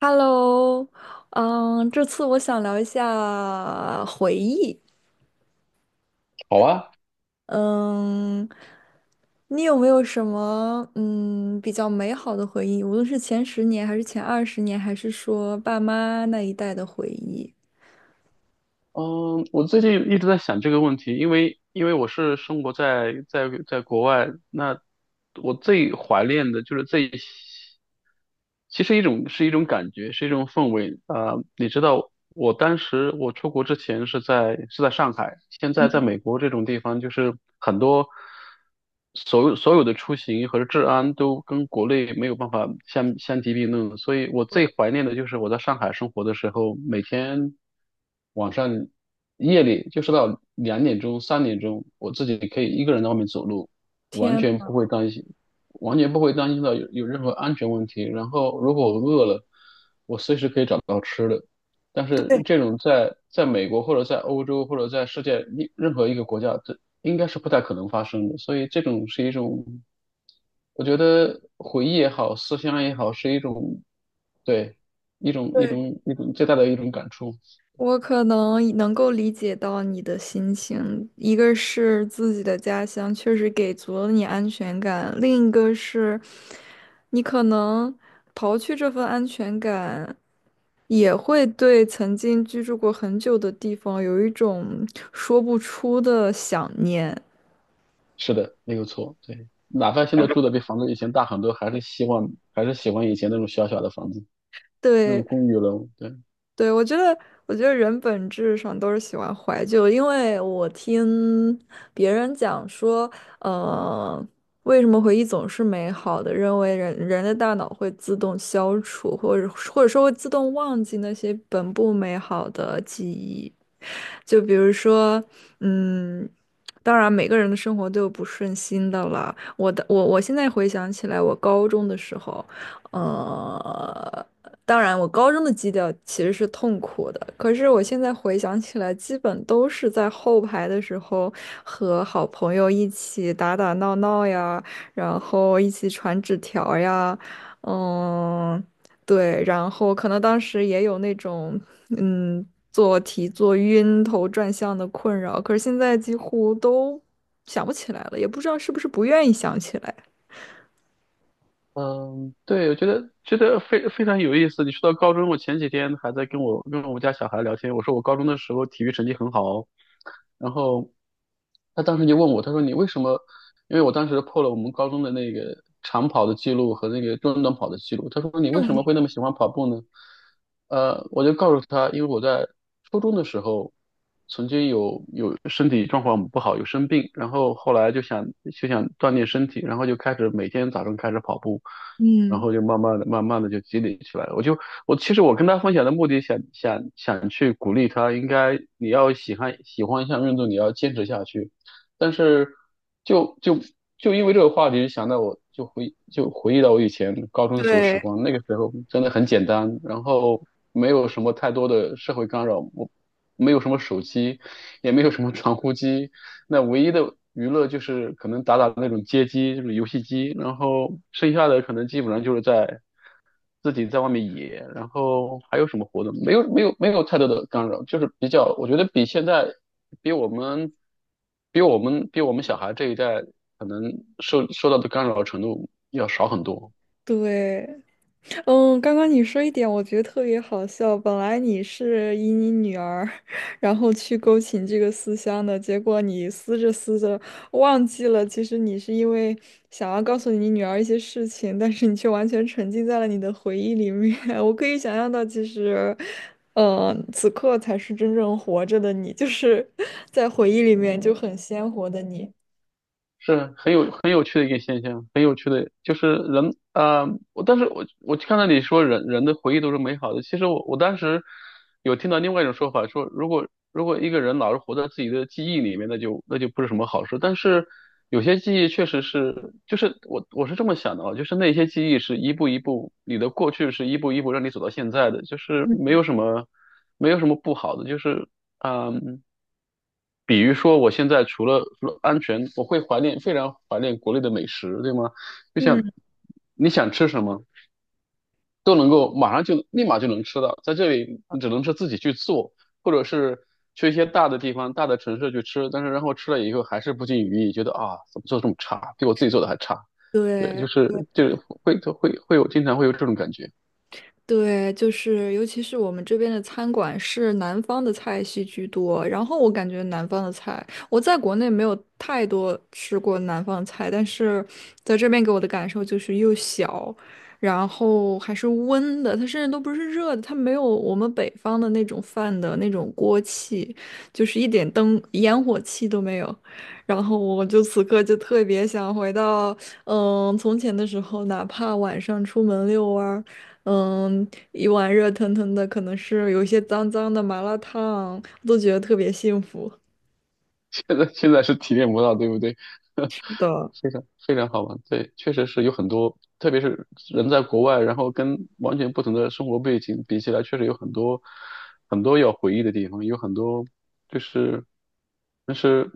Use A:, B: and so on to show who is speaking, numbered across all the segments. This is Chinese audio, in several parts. A: Hello，这次我想聊一下回忆。
B: 好啊，
A: 嗯，你有没有什么比较美好的回忆？无论是前十年，还是前20年，还是说爸妈那一代的回忆？
B: 嗯，我最近一直在想这个问题，因为我是生活在国外，那我最怀念的就是最其实一种是一种感觉，是一种氛围啊、你知道，我当时我出国之前是在上海，现在在
A: 嗯，
B: 美国这种地方，就是很多所有的出行和治安都跟国内没有办法相提并论。所以我最怀念的就是我在上海生活的时候，每天晚上夜里就是到两点钟、三点钟，我自己可以一个人在外面走路，完
A: 天，
B: 全不会担心，完全不会担心到有任何安全问题。然后如果我饿了，找吃的。但是
A: 对，
B: 这种在美国或者在欧洲或者在世界一任何一个国家，这应该是不太可能发生的。所以这种是一种，我觉得回忆也好，思乡也好，是一种，对，一种一
A: 对，
B: 种一种最大的一种感触。
A: 我可能能够理解到你的心情，一个是自己的家乡确实给足了你安全感，另一个是你可能刨去这份安全感，也会对曾经居住过很久的地方有一种说不出的想念。
B: 是的，没有错。对，哪怕现在住的比房子以前大很多，还是希望还是喜欢以前那种小小的房子，那种
A: 对，
B: 公寓楼。对。
A: 对，我觉得人本质上都是喜欢怀旧，因为我听别人讲说，呃，为什么回忆总是美好的？认为人人的大脑会自动消除，或者说会自动忘记那些本不美好的记忆。就比如说，嗯，当然每个人的生活都有不顺心的了。我现在回想起来，我高中的时候。呃，当然，我高中的基调其实是痛苦的，可是我现在回想起来，基本都是在后排的时候和好朋友一起打打闹闹呀，然后一起传纸条呀，嗯，对，然后可能当时也有那种嗯做题做晕头转向的困扰，可是现在几乎都想不起来了，也不知道是不是不愿意想起来。
B: 嗯，对，我觉得非常有意思。你说到高中，我前几天还在跟我家小孩聊天，我说我高中的时候体育成绩很好，然后他当时就问我，他说你为什么？因为我当时破了我们高中的那个长跑的记录和那个中短跑的记录，他说你为什么会那么喜欢跑步呢？我就告诉他，因为我在初中的时候曾经有身体状况不好，有生病，然后后来就想锻炼身体，然后就开始每天早上开始跑步，然
A: 嗯，
B: 后就慢慢的、慢慢的就积累起来了。我其实我跟他分享的目的想，想去鼓励他，应该你要喜欢一项运动，你要坚持下去。但是就就就因为这个话题，想到我就回忆到我以前高中的时候时
A: 对
B: 光，那个时候真的很简单，然后没有什么太多的社会干扰，我没有什么手机，也没有什么传呼机，那唯一的娱乐就是可能打打那种街机，就是游戏机，然后剩下的可能基本上就是在自己在外面野，然后还有什么活动？没有，没有，没有太多的干扰，就是比较，我觉得比现在，比我们，比我们小孩这一代可能受到的干扰程度要少很多。
A: 对。嗯，刚刚你说一点，我觉得特别好笑。本来你是以你女儿，然后去勾起这个思乡的，结果你思着思着忘记了，其实你是因为想要告诉你女儿一些事情，但是你却完全沉浸在了你的回忆里面。我可以想象到，其实，此刻才是真正活着的你，就是在回忆里面就很鲜活的你。
B: 是很有趣的一个现象，很有趣的，就是人啊、我但是我看到你说人的回忆都是美好的，其实我当时有听到另外一种说法，说如果一个人老是活在自己的记忆里面，那就不是什么好事。但是有些记忆确实是，就是我是这么想的啊，就是那些记忆是一步一步，你的过去是一步一步让你走到现在的，就是没
A: 嗯，
B: 有什么没有什么不好的，就是嗯。比如说，我现在除了安全，我会怀念，非常怀念国内的美食，对吗？就像
A: 嗯，
B: 你想吃什么，都能够马上就立马就能吃到，在这里你只能是自己去做，或者是去一些大的地方、大的城市去吃，但是然后吃了以后还是不尽如意，觉得啊，怎么做这么差，比我自己做的还差。对，
A: 对。
B: 就是会有经常会有这种感觉，
A: 对，就是尤其是我们这边的餐馆是南方的菜系居多，然后我感觉南方的菜，我在国内没有太多吃过南方的菜，但是在这边给我的感受就是又小，然后还是温的，它甚至都不是热的，它没有我们北方的那种饭的那种锅气，就是一点灯烟火气都没有。然后我就此刻就特别想回到，从前的时候，哪怕晚上出门遛弯儿。嗯，一碗热腾腾的，可能是有一些脏脏的麻辣烫，都觉得特别幸福。
B: 现在是体验不到，对不对？
A: 的，
B: 非常非常好玩，对，确实是有很多，特别是人在国外，然后跟完全不同的生活背景比起来，确实有很多很多要回忆的地方，有很多就是，但是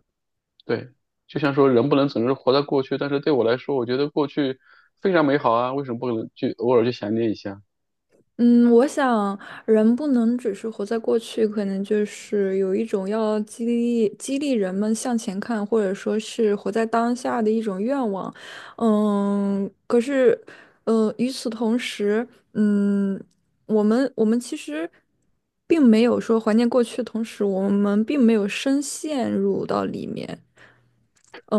B: 对，就像说人不能总是活在过去，但是对我来说，我觉得过去非常美好啊，为什么不能去偶尔去想念一下？
A: 嗯，我想人不能只是活在过去，可能就是有一种要激励人们向前看，或者说是活在当下的一种愿望。嗯，可是，与此同时，嗯，我们其实并没有说怀念过去，的同时我们并没有深陷入到里面。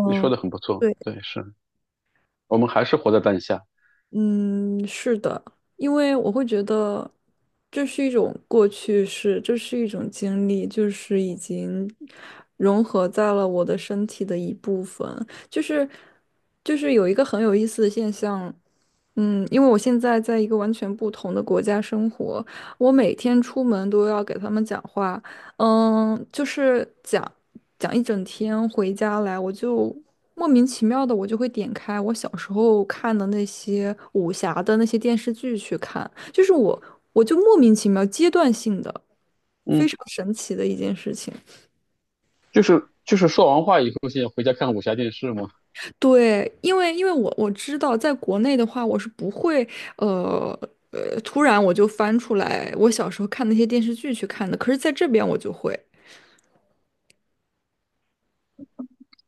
B: 你说的很不错，
A: 对，
B: 对，是我们还是活在当下，
A: 嗯，是的，因为我会觉得这是一种过去式，这是一种经历，就是已经融合在了我的身体的一部分。就是就是有一个很有意思的现象，嗯，因为我现在在一个完全不同的国家生活，我每天出门都要给他们讲话，嗯，就是讲一整天，回家来我就莫名其妙的，我就会点开我小时候看的那些武侠的那些电视剧去看，我就莫名其妙阶段性的，非
B: 嗯，
A: 常神奇的一件事情。
B: 就是说完话以后，现在回家看武侠电视嘛。
A: 对，因为我知道，在国内的话，我是不会呃突然我就翻出来我小时候看那些电视剧去看的，可是在这边我就会。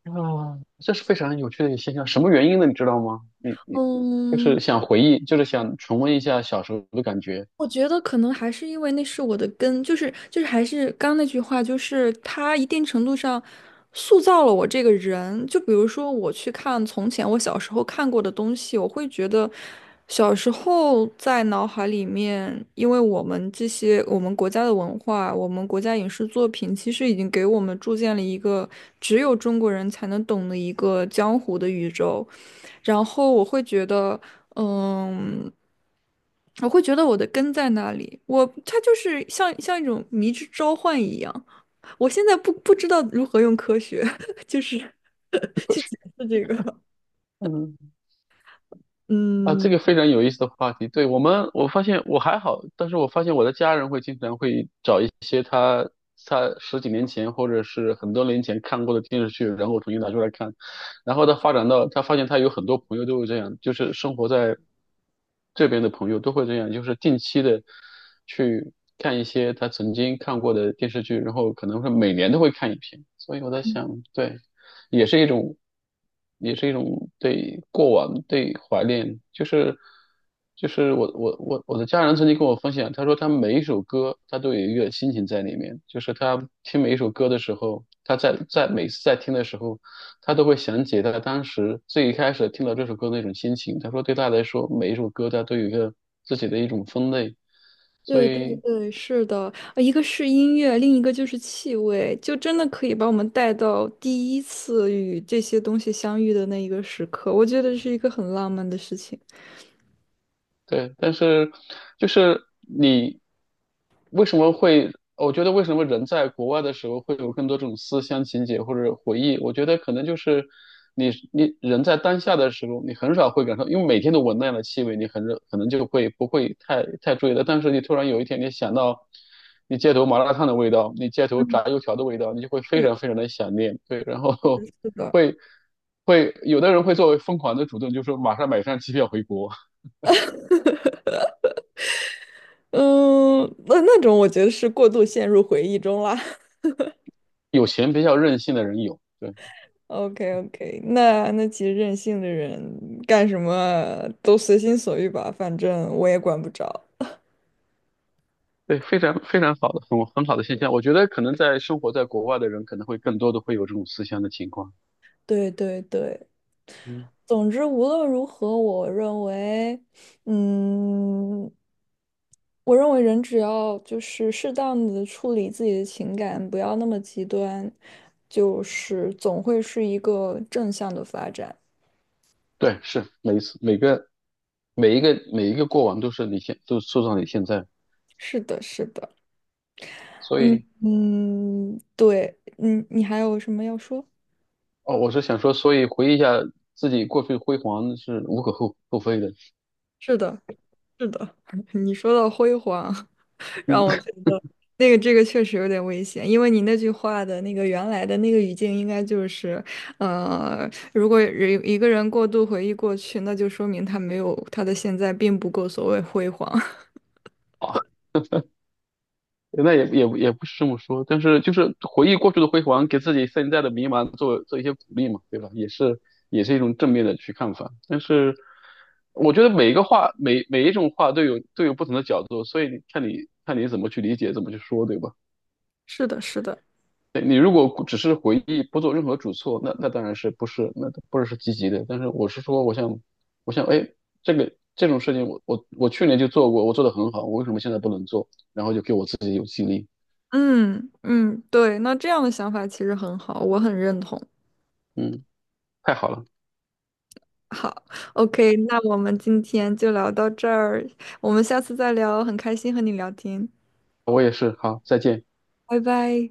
B: 啊，这是非常有趣的一个现象。什么原因呢？你知道吗？你就是
A: 嗯，
B: 想回忆，就是想重温一下小时候的感觉。
A: 我觉得可能还是因为那是我的根，还是刚刚那句话，就是它一定程度上塑造了我这个人。就比如说我去看从前我小时候看过的东西，我会觉得小时候在脑海里面，因为我们国家的文化，我们国家影视作品，其实已经给我们铸建了一个只有中国人才能懂的一个江湖的宇宙。然后我会觉得。嗯，我会觉得我的根在那里，我它就是像一种迷之召唤一样。我现在不知道如何用科学，就是 去解释这个。
B: 嗯，啊，这
A: 嗯，
B: 个非常有意思的话题。对，我们，我发现我还好，但是我发现我的家人会经常会找一些他十几年前或者是很多年前看过的电视剧，然后重新拿出来看。然后他发展到，他发现他有很多朋友都会这样，就是生活在这边的朋友都会这样，就是定期的去看一些他曾经看过的电视剧，然后可能会每年都会看一篇。所以我在想，对。也是一种，也是一种对过往对怀念，就是我的家人曾经跟我分享，他说他每一首歌他都有一个心情在里面，就是他听每一首歌的时候，他每次在听的时候，他都会想起他当时最一开始听到这首歌的那种心情。他说对他来说，每一首歌他都有一个自己的一种分类，所
A: 对对
B: 以。
A: 对，是的，一个是音乐，另一个就是气味，就真的可以把我们带到第一次与这些东西相遇的那一个时刻。我觉得是一个很浪漫的事情。
B: 对，但是就是你为什么会？我觉得为什么人在国外的时候会有更多这种思乡情结或者回忆？我觉得可能就是你人在当下的时候，你很少会感受，因为每天都闻那样的气味，你很可能就会不会太注意了。但是你突然有一天，你想到你街头麻辣烫的味道，你街头
A: 嗯，
B: 炸油条的味道，你就会非常非
A: 是
B: 常的想念。对，然后
A: 是 的。
B: 会会有的人会作为疯狂的主动，就说马上买张机票回国。
A: 嗯，那那种我觉得是过度陷入回忆中啦。
B: 有钱比较任性的人有，对
A: OK OK，那那其实任性的人干什么都随心所欲吧，反正我也管不着。
B: 对，非常非常好的，很好的现象。我觉得可能在生活在国外的人，可能会更多的会有这种思乡的情况。
A: 对对对，
B: 嗯，
A: 总之无论如何，我认为，嗯，我认为人只要就是适当的处理自己的情感，不要那么极端，就是总会是一个正向的发展。
B: 对，是每一个过往都是都塑造你现在，
A: 是的，是的。
B: 所
A: 嗯
B: 以
A: 嗯，对，嗯，你还有什么要说？
B: 哦，我是想说，所以回忆一下自己过去辉煌是无可厚非的。
A: 是的，是的，你说到辉煌，
B: 嗯。
A: 让我 觉得那个这个确实有点危险，因为你那句话的那个原来的那个语境应该就是，如果一个人过度回忆过去，那就说明他没有他的现在并不够所谓辉煌。
B: 好。那也不是这么说，但是就是回忆过去的辉煌，给自己现在的迷茫做一些鼓励嘛，对吧？也是也是一种正面的去看法。但是我觉得每一种话都都有不同的角度，所以你看你看你怎么去理解，怎么去说，对吧？
A: 是的，是的，
B: 对你如果只是回忆，不做任何主措，那那当然是不是是积极的。但是我是说，我想，哎，这个这种事情我去年就做过，我做的很好，我为什么现在不能做？然后就给我自己有激励，
A: 嗯嗯，对，那这样的想法其实很好，我很认同。
B: 嗯，太好了。
A: 好，OK，那我们今天就聊到这儿，我们下次再聊，很开心和你聊天，
B: 我也是，好，再见。
A: 拜拜。